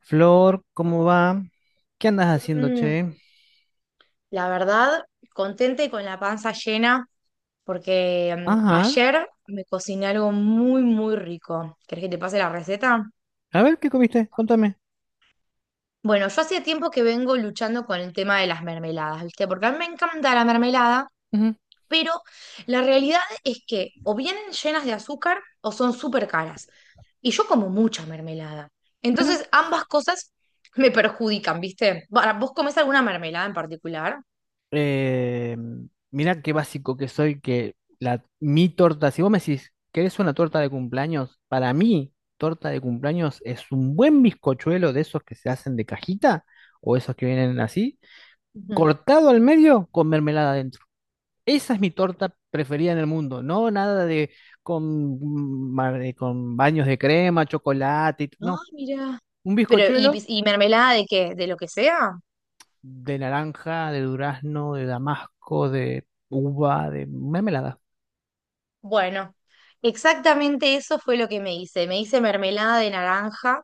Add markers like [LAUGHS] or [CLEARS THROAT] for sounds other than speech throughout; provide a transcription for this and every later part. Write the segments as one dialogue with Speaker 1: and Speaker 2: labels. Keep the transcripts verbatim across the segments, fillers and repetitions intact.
Speaker 1: Flor, ¿cómo va? ¿Qué andas haciendo,
Speaker 2: Mm,
Speaker 1: che?
Speaker 2: La verdad, contenta y con la panza llena, porque mm,
Speaker 1: Ajá.
Speaker 2: ayer me cociné algo muy, muy rico. ¿Querés que te pase la receta?
Speaker 1: A ver, ¿qué comiste? Contame.
Speaker 2: Bueno, yo hacía tiempo que vengo luchando con el tema de las mermeladas, ¿viste? Porque a mí me encanta la mermelada,
Speaker 1: Ujú.
Speaker 2: pero la realidad es que o vienen llenas de azúcar o son súper caras. Y yo como mucha mermelada.
Speaker 1: Mira.
Speaker 2: Entonces, ambas cosas me perjudican, ¿viste? Bueno, ¿vos comés alguna mermelada en particular?
Speaker 1: Eh, Mira qué básico que soy, que la, mi torta, si vos me decís, ¿querés una torta de cumpleaños? Para mí, torta de cumpleaños es un buen bizcochuelo de esos que se hacen de cajita o esos que vienen así, cortado al medio con mermelada adentro. Esa es mi torta preferida en el mundo, no nada de con, mm, mar- eh, con baños de crema, chocolate, y t-
Speaker 2: No,
Speaker 1: no.
Speaker 2: mira.
Speaker 1: Un
Speaker 2: Pero, ¿y,
Speaker 1: bizcochuelo
Speaker 2: pis- y mermelada de qué? ¿De lo que sea?
Speaker 1: de naranja, de durazno, de damasco, de uva, de mermelada.
Speaker 2: Bueno, exactamente eso fue lo que me hice. Me hice mermelada de naranja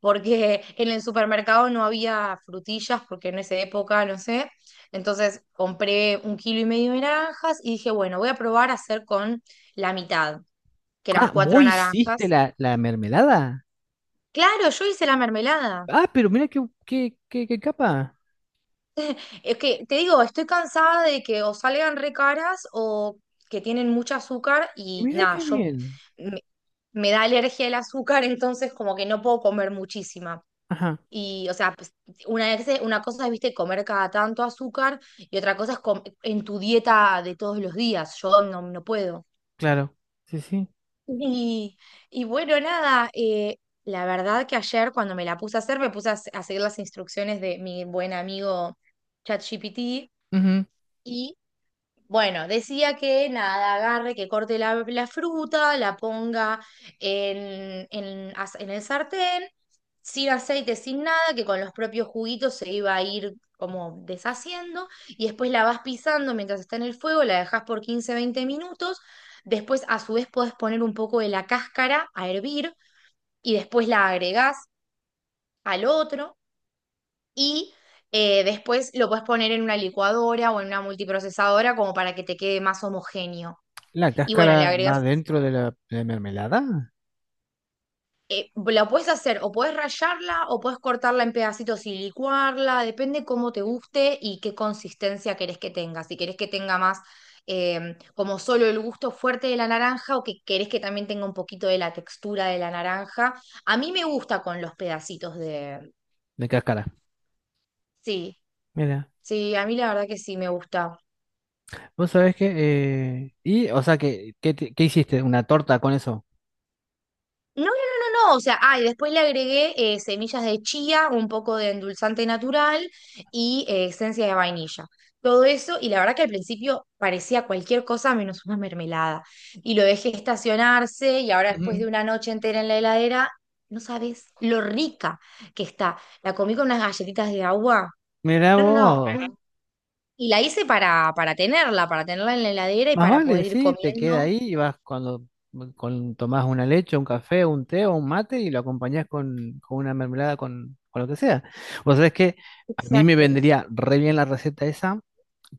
Speaker 2: porque en el supermercado no había frutillas porque en esa época, no sé. Entonces compré un kilo y medio de naranjas y dije, bueno, voy a probar a hacer con la mitad, que eran
Speaker 1: Ah, vos
Speaker 2: cuatro
Speaker 1: hiciste
Speaker 2: naranjas.
Speaker 1: la, la mermelada.
Speaker 2: Claro, yo hice la mermelada.
Speaker 1: Ah, pero mira qué, qué, qué, qué capa.
Speaker 2: Es que te digo, estoy cansada de que o salgan re caras o que tienen mucho azúcar y
Speaker 1: Mira
Speaker 2: nada,
Speaker 1: qué
Speaker 2: yo
Speaker 1: bien.
Speaker 2: me, me da alergia el azúcar, [LAUGHS] entonces como que no puedo comer muchísima.
Speaker 1: Ajá,
Speaker 2: Y, o sea, pues, una, vez- una cosa es, viste, comer cada tanto azúcar y otra cosa es com- en tu dieta de todos los días. Yo no, no puedo.
Speaker 1: claro. Sí, sí.
Speaker 2: Y, y bueno, nada, eh, la verdad que ayer cuando me la puse a hacer, me puse a, se- a seguir las instrucciones de mi buen amigo ChatGPT
Speaker 1: Ujú.
Speaker 2: y bueno, decía que nada, agarre, que corte la, la fruta, la ponga en, en as- en el sartén, sin aceite, sin nada, que con los propios juguitos se iba a ir como deshaciendo, y después la vas pisando mientras está en el fuego, la dejas por quince veinte minutos, después a su vez podés poner un poco de la cáscara a hervir, y después la agregás al otro, y eh, después lo podés poner en una licuadora o en una multiprocesadora como para que te quede más homogéneo.
Speaker 1: La
Speaker 2: Y bueno, le
Speaker 1: cáscara va
Speaker 2: agregas,
Speaker 1: dentro de la, de la mermelada.
Speaker 2: eh, la puedes hacer o puedes rallarla o puedes cortarla en pedacitos y licuarla, depende cómo te guste y qué consistencia querés que tenga. Si querés que tenga más eh, como solo el gusto fuerte de la naranja o que querés que también tenga un poquito de la textura de la naranja. A mí me gusta con los pedacitos de...
Speaker 1: De cáscara.
Speaker 2: Sí,
Speaker 1: Mira.
Speaker 2: sí, a mí la verdad que sí me gusta.
Speaker 1: Vos sabés que... eh, Y, o sea, que, ¿qué, te- qué hiciste? ¿Una torta con eso?
Speaker 2: No, no, no, no, no, o sea, ah, y después le agregué eh, semillas de chía, un poco de endulzante natural y eh, esencia de vainilla. Todo eso, y la verdad que al principio parecía cualquier cosa menos una mermelada. Y lo dejé estacionarse y ahora después
Speaker 1: Ujú.
Speaker 2: de una noche entera en la heladera, no sabes lo rica que está. La comí con unas galletitas de agua.
Speaker 1: Mira
Speaker 2: No, no, no.
Speaker 1: vos.
Speaker 2: Bueno, un- y la hice para, para tenerla, para tenerla en la heladera y
Speaker 1: Más
Speaker 2: para
Speaker 1: vale,
Speaker 2: poder ir
Speaker 1: sí, te queda
Speaker 2: comiendo.
Speaker 1: ahí y vas cuando con, tomás una leche, un café, un té o un mate y lo acompañás con, con una mermelada, con, con lo que sea. Vos sabés que a mí me
Speaker 2: Exacto.
Speaker 1: vendría re bien la receta esa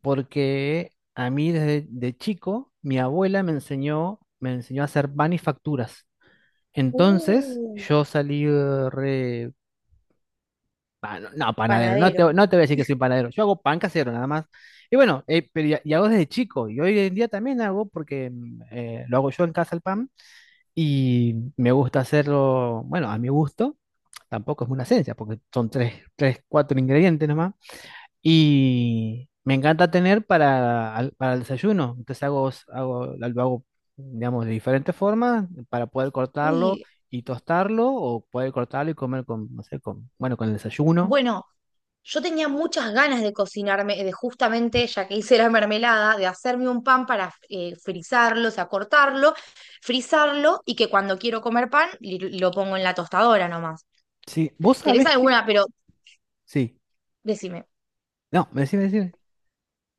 Speaker 1: porque a mí desde de chico mi abuela me enseñó, me enseñó a hacer pan y facturas. Entonces
Speaker 2: Uh,
Speaker 1: yo salí eh, re. Pa- no, no, panadero, no te,
Speaker 2: Panadero.
Speaker 1: no te voy a decir que soy panadero, yo hago pan casero nada más. Y bueno, eh, pero ya, y hago desde chico y hoy en día también hago porque mm, eh, lo hago yo en casa el pan, y me gusta hacerlo, bueno, a mi gusto, tampoco es una ciencia porque son tres, tres, cuatro ingredientes nomás, y me encanta tener para, al- para el desayuno. Entonces hago, hago, lo hago, digamos, de diferentes formas para poder cortarlo
Speaker 2: Uy,
Speaker 1: y tostarlo, o poder cortarlo y comer con, no sé, con, bueno, con el desayuno.
Speaker 2: bueno, yo tenía muchas ganas de cocinarme, de justamente, ya que hice la mermelada, de hacerme un pan para eh, frizarlo, o sea, cortarlo, frizarlo y que cuando quiero comer pan li- lo pongo en la tostadora nomás.
Speaker 1: Sí, vos
Speaker 2: ¿Tenés
Speaker 1: sabés que...
Speaker 2: alguna? Pero
Speaker 1: Sí,
Speaker 2: decime.
Speaker 1: no, me decime, decime.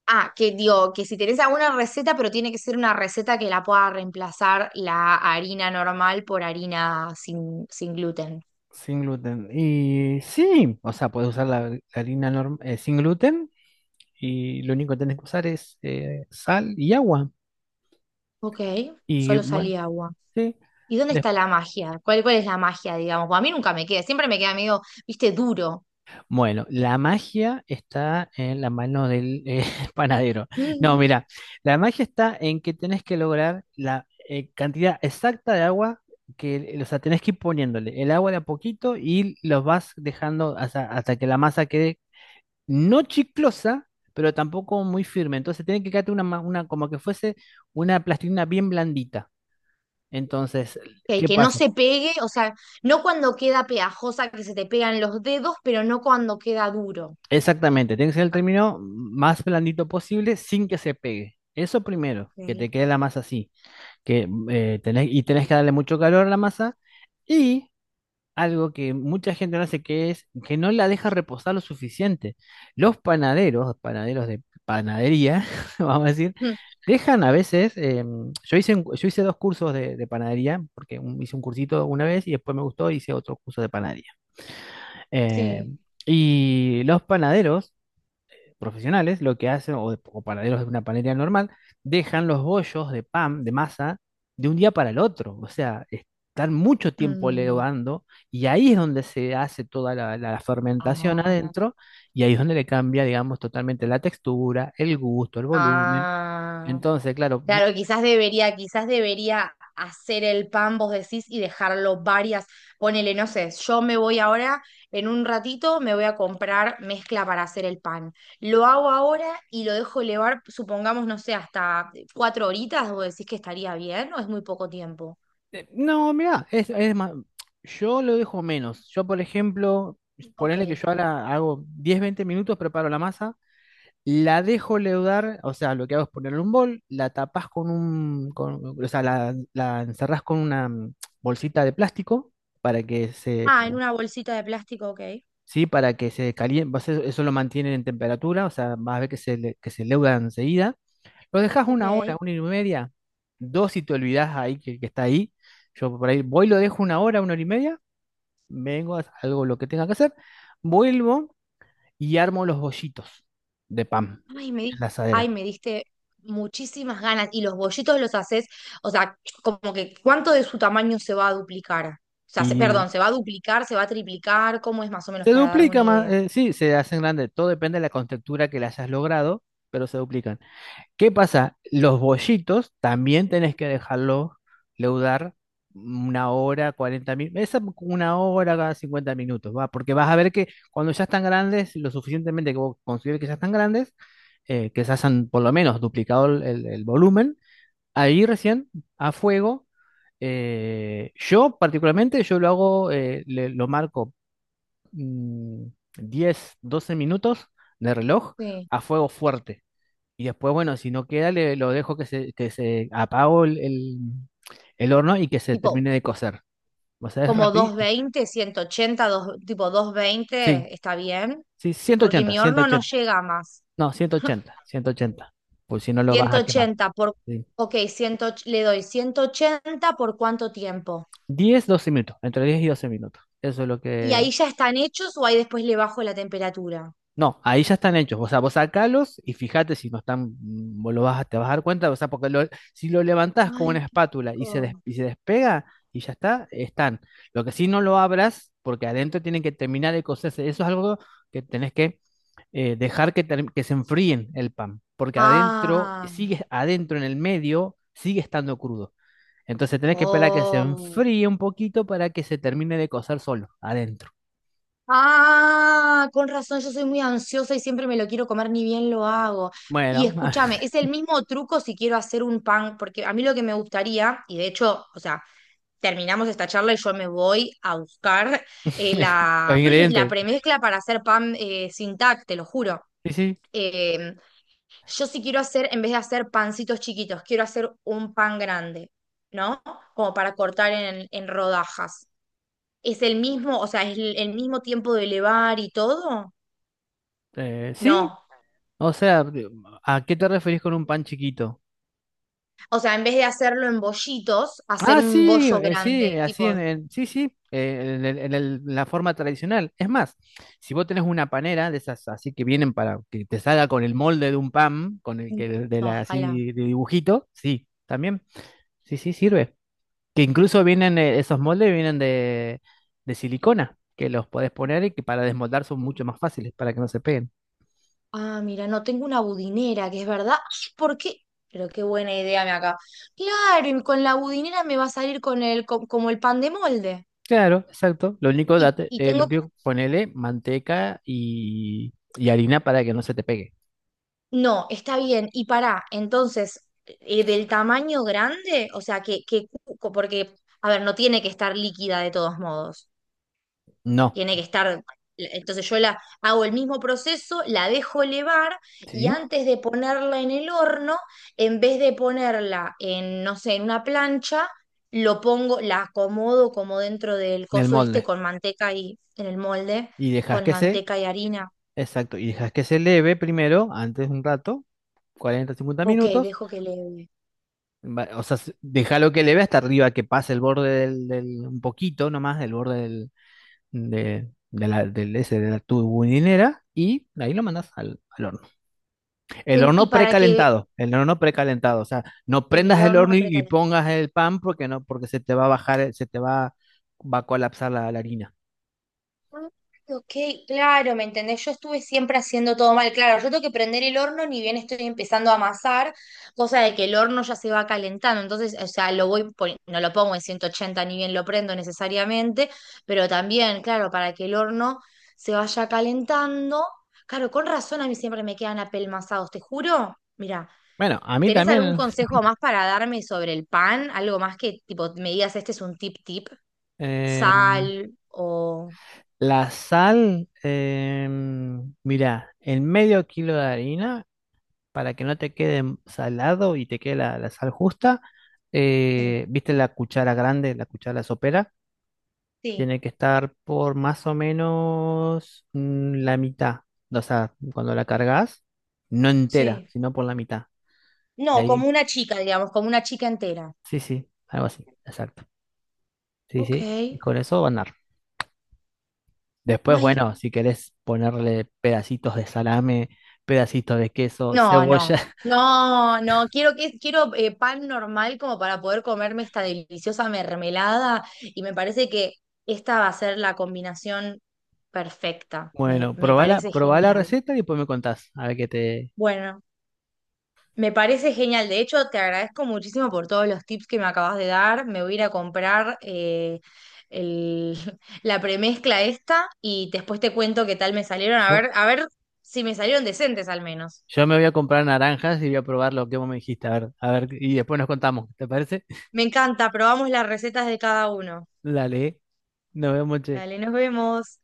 Speaker 2: Ah, que digo, que si tenés alguna receta, pero tiene que ser una receta que la pueda reemplazar la harina normal por harina sin, sin gluten.
Speaker 1: Sin gluten. Y sí, o sea, puedes usar la, la harina norm- eh, sin gluten, y lo único que tenés que usar es eh, sal y agua.
Speaker 2: Ok,
Speaker 1: Y
Speaker 2: solo
Speaker 1: bueno,
Speaker 2: salía agua.
Speaker 1: sí.
Speaker 2: ¿Y dónde
Speaker 1: Des-
Speaker 2: está la magia? ¿Cuál, cuál es la magia, digamos? Pues a mí nunca me queda, siempre me queda medio, viste, duro.
Speaker 1: Bueno, la magia está en la mano del eh, [LAUGHS] panadero. No,
Speaker 2: Mm.
Speaker 1: mira, la magia está en que tenés que lograr la eh, cantidad exacta de agua. Que, o sea, tenés que ir poniéndole el agua de a poquito y los vas dejando hasta, hasta que la masa quede no chiclosa, pero tampoco muy firme. Entonces tiene que quedarte una, ma- una como que fuese una plastilina bien blandita. Entonces,
Speaker 2: Que,
Speaker 1: ¿qué
Speaker 2: que no
Speaker 1: pasa?
Speaker 2: se pegue, o sea, no cuando queda pegajosa que se te pegan los dedos, pero no cuando queda duro.
Speaker 1: Exactamente, tiene que ser el término más blandito posible sin que se pegue. Eso primero, que
Speaker 2: Ok.
Speaker 1: te quede la masa así, que eh, tenés- y tenés que darle mucho calor a la masa. Y algo que mucha gente no hace, que es que no la deja reposar lo suficiente. Los panaderos, panaderos de panadería, [LAUGHS] vamos a decir,
Speaker 2: Mm,
Speaker 1: dejan a veces, eh, yo hice, un- yo hice dos cursos de, de panadería, porque un- hice un cursito una vez y después me gustó, hice otro curso de panadería. Eh,
Speaker 2: sí.
Speaker 1: y los panaderos profesionales lo que hacen, o, de- o panaderos de una panadería normal, dejan los bollos de pan, de masa, de un día para el otro. O sea, están mucho tiempo
Speaker 2: Mm.
Speaker 1: levando, y ahí es donde se hace toda la, la fermentación
Speaker 2: Ah.
Speaker 1: adentro, y ahí es donde le cambia, digamos, totalmente la textura, el gusto, el volumen.
Speaker 2: Ah.
Speaker 1: Entonces, claro, mu-
Speaker 2: Claro, quizás debería, quizás debería hacer el pan, vos decís, y dejarlo varias, ponele, no sé, yo me voy ahora, en un ratito me voy a comprar mezcla para hacer el pan. Lo hago ahora y lo dejo elevar, supongamos, no sé, hasta cuatro horitas, vos decís que estaría bien o es muy poco tiempo.
Speaker 1: eh, no, mira, es, es más, yo lo dejo menos. Yo, por ejemplo,
Speaker 2: Ok.
Speaker 1: ponele que yo ahora hago diez, veinte minutos, preparo la masa. La dejo leudar, o sea, lo que hago es ponerle un bol, la tapás con un, con- o sea, la, la encerrás con una mm, bolsita de plástico para que se,
Speaker 2: Ah, en una bolsita de plástico, ok.
Speaker 1: sí, para que se caliente, pues, e, eso, lo mantienen en temperatura. O sea, vas a ver que se, le- que se leuda enseguida. Lo dejas una hora,
Speaker 2: Ok.
Speaker 1: una y media, dos si te olvidás ahí que, que está ahí. Yo por ahí voy, lo dejo una hora, una hora y media, vengo, hago lo que tenga que hacer, vuelvo y armo los bollitos de pan
Speaker 2: Ay, me
Speaker 1: en
Speaker 2: di-
Speaker 1: la
Speaker 2: ay,
Speaker 1: asadera.
Speaker 2: me diste muchísimas ganas. Y los bollitos los haces, o sea, como que ¿cuánto de su tamaño se va a duplicar? O sea, se-
Speaker 1: Y
Speaker 2: perdón, ¿se va a duplicar, se va a triplicar? ¿Cómo es más o menos
Speaker 1: Se
Speaker 2: para darme una
Speaker 1: duplica más,
Speaker 2: idea?
Speaker 1: eh, sí, se hacen grandes, todo depende de la contextura que le hayas logrado, pero se duplican. ¿Qué pasa? Los bollitos también tenés que dejarlos leudar una hora, cuarenta minutos, esa una hora cada cincuenta minutos, va, porque vas a ver que cuando ya están grandes, lo suficientemente que vos consideres que ya están grandes, eh, que se hayan por lo menos duplicado el, el- el volumen, ahí recién a fuego. Eh, yo particularmente, yo lo hago, eh, le- lo marco mm, diez, doce minutos de reloj
Speaker 2: Sí.
Speaker 1: a fuego fuerte. Y después, bueno, si no queda, le, lo dejo que se, que se apago el, el- el horno y que se
Speaker 2: Tipo,
Speaker 1: termine de cocer. O sea, es
Speaker 2: como
Speaker 1: rápido.
Speaker 2: doscientos veinte, ciento ochenta, dos, tipo doscientos
Speaker 1: Sí,
Speaker 2: veinte, ¿está bien?
Speaker 1: sí, ciento
Speaker 2: Porque
Speaker 1: ochenta
Speaker 2: mi
Speaker 1: ciento
Speaker 2: horno no
Speaker 1: ochenta
Speaker 2: llega más.
Speaker 1: No, ciento ochenta,
Speaker 2: [LAUGHS]
Speaker 1: ciento ochenta. Pues si no lo vas
Speaker 2: Ciento
Speaker 1: a quemar.
Speaker 2: ochenta por,
Speaker 1: Sí.
Speaker 2: ok, cien, le doy ciento ochenta por cuánto tiempo.
Speaker 1: diez, doce minutos, entre diez y doce minutos. Eso es lo
Speaker 2: ¿Y
Speaker 1: que...
Speaker 2: ahí ya están hechos o ahí después le bajo la temperatura?
Speaker 1: No, ahí ya están hechos. O sea, vos sacalos y fíjate si no están, mm, vos lo vas a, te vas a dar cuenta. O sea, porque lo- si lo levantás con una
Speaker 2: Ay, qué
Speaker 1: espátula y se, des-
Speaker 2: rico.
Speaker 1: y se despega y ya está, están. Lo que sí, no lo abras, porque adentro tienen que terminar de cocerse. Eso es algo que tenés que eh, dejar, que, term- que se enfríen el pan, porque adentro,
Speaker 2: Ah,
Speaker 1: sigue adentro en el medio, sigue estando crudo. Entonces tenés que esperar que se
Speaker 2: oh.
Speaker 1: enfríe un poquito para que se termine de cocer solo, adentro.
Speaker 2: Ah, con razón, yo soy muy ansiosa y siempre me lo quiero comer, ni bien lo hago. Y
Speaker 1: Bueno,
Speaker 2: escúchame, es el mismo truco si quiero hacer un pan, porque a mí lo que me gustaría, y de hecho, o sea, terminamos esta charla y yo me voy a buscar eh,
Speaker 1: [LAUGHS] los
Speaker 2: la, [CLEARS THROAT] la
Speaker 1: ingredientes.
Speaker 2: premezcla para hacer pan eh, sin tac, te lo juro.
Speaker 1: Sí, sí.
Speaker 2: Eh, Yo sí quiero hacer, en vez de hacer pancitos chiquitos, quiero hacer un pan grande, ¿no? Como para cortar en, en rodajas. ¿Es el mismo, o sea, es el, el mismo tiempo de elevar y todo?
Speaker 1: Eh, sí,
Speaker 2: No.
Speaker 1: o sea, de- ¿a qué te referís con un pan chiquito?
Speaker 2: O sea, en vez de hacerlo en bollitos, hacer
Speaker 1: Ah,
Speaker 2: un
Speaker 1: sí,
Speaker 2: bollo
Speaker 1: eh, sí,
Speaker 2: grande,
Speaker 1: eh, así en,
Speaker 2: tipo,
Speaker 1: en- sí, sí, eh, en, el- en el- la forma tradicional. Es más, si vos tenés una panera de esas así que vienen para que te salga con el molde de un pan, con el
Speaker 2: mm,
Speaker 1: que de
Speaker 2: no,
Speaker 1: la
Speaker 2: ojalá.
Speaker 1: así de dibujito, sí, también, sí, sí, sirve. Que incluso vienen, eh, esos moldes vienen de, de silicona, que los podés poner y que para desmoldar son mucho más fáciles, para que no se peguen.
Speaker 2: Ah, mira, no tengo una budinera, que es verdad. Ay, ¿por qué? Pero qué buena idea me acá. Claro, y con la budinera me va a salir con el, co- como el pan de molde.
Speaker 1: Claro, exacto. Lo único,
Speaker 2: Y,
Speaker 1: date,
Speaker 2: y
Speaker 1: eh, lo
Speaker 2: tengo
Speaker 1: que ponele manteca y, y harina para que no se te pegue.
Speaker 2: no, está bien. Y para entonces, eh, del tamaño grande, o sea, que, que, cu- porque, a ver, no tiene que estar líquida de todos modos.
Speaker 1: No,
Speaker 2: Tiene que estar, eh, entonces yo la hago el mismo proceso, la dejo elevar y
Speaker 1: ¿sí?
Speaker 2: antes de ponerla en el horno, en vez de ponerla en, no sé, en una plancha, lo pongo, la acomodo como dentro del
Speaker 1: En el
Speaker 2: coso este
Speaker 1: molde.
Speaker 2: con manteca y, en el molde,
Speaker 1: Y dejas
Speaker 2: con
Speaker 1: que se...
Speaker 2: manteca y harina.
Speaker 1: Exacto, y dejas que se leve primero, antes un rato, cuarenta-cincuenta
Speaker 2: Ok,
Speaker 1: minutos.
Speaker 2: dejo que leve.
Speaker 1: Va- O sea, déjalo que leve hasta arriba, que pase el borde del, del- un poquito nomás, del borde del, de, de la, del, ese, de la tubulinera, y ahí lo mandas al, al horno. El
Speaker 2: En- Y
Speaker 1: horno
Speaker 2: para que
Speaker 1: precalentado, el horno precalentado. O sea, no
Speaker 2: en el
Speaker 1: prendas el
Speaker 2: horno
Speaker 1: horno y, y
Speaker 2: precalentado.
Speaker 1: pongas el pan, porque no, porque se te va a bajar, el- se te va, va a colapsar la, la harina.
Speaker 2: Ok, claro, ¿me entendés? Yo estuve siempre haciendo todo mal. Claro, yo tengo que prender el horno ni bien estoy empezando a amasar, cosa de que el horno ya se va calentando. Entonces, o sea, lo voy, poni- no lo pongo en ciento ochenta ni bien lo prendo necesariamente, pero también, claro, para que el horno se vaya calentando. Claro, con razón a mí siempre me quedan apelmazados, te juro. Mira,
Speaker 1: Bueno, a mí
Speaker 2: ¿tenés algún
Speaker 1: también,
Speaker 2: consejo más para darme sobre el pan? Algo más que tipo me digas, este es un tip tip,
Speaker 1: eh,
Speaker 2: sal o...
Speaker 1: la sal, eh, mira, en medio kilo de harina, para que no te quede salado y te quede la, la sal justa,
Speaker 2: Sí,
Speaker 1: eh, ¿viste la cuchara grande, la cuchara sopera?
Speaker 2: sí,
Speaker 1: Tiene que estar por más o menos mm, la mitad. O sea, cuando la cargas, no entera,
Speaker 2: sí.
Speaker 1: sino por la mitad. Y
Speaker 2: No, como
Speaker 1: ahí,
Speaker 2: una chica, digamos, como una chica entera.
Speaker 1: sí, sí, algo así, exacto. Sí,
Speaker 2: Ok.
Speaker 1: sí, y con eso va a andar. Después,
Speaker 2: Ay,
Speaker 1: bueno, si querés ponerle pedacitos de salame, pedacitos de queso,
Speaker 2: no,
Speaker 1: cebolla.
Speaker 2: no.
Speaker 1: [LAUGHS]
Speaker 2: No, no, quiero que quiero eh, pan normal como para poder comerme esta deliciosa mermelada y me parece que esta va a ser la combinación perfecta. Me,
Speaker 1: Bueno,
Speaker 2: me
Speaker 1: probá la,
Speaker 2: parece
Speaker 1: probá la
Speaker 2: genial.
Speaker 1: receta y después me contás, a ver qué te.
Speaker 2: Bueno, me parece genial. De hecho, te agradezco muchísimo por todos los tips que me acabas de dar. Me voy a ir a comprar eh, el- [LAUGHS] la premezcla esta y después te cuento qué tal me salieron. A
Speaker 1: Yo,
Speaker 2: ver, a ver si me salieron decentes al menos.
Speaker 1: yo me voy a comprar naranjas y voy a probar lo que vos me dijiste. A ver, a ver, y después nos contamos. ¿Te parece?
Speaker 2: Me encanta. Probamos las recetas de cada uno.
Speaker 1: [LAUGHS] Dale, nos vemos, che.
Speaker 2: Dale, nos vemos.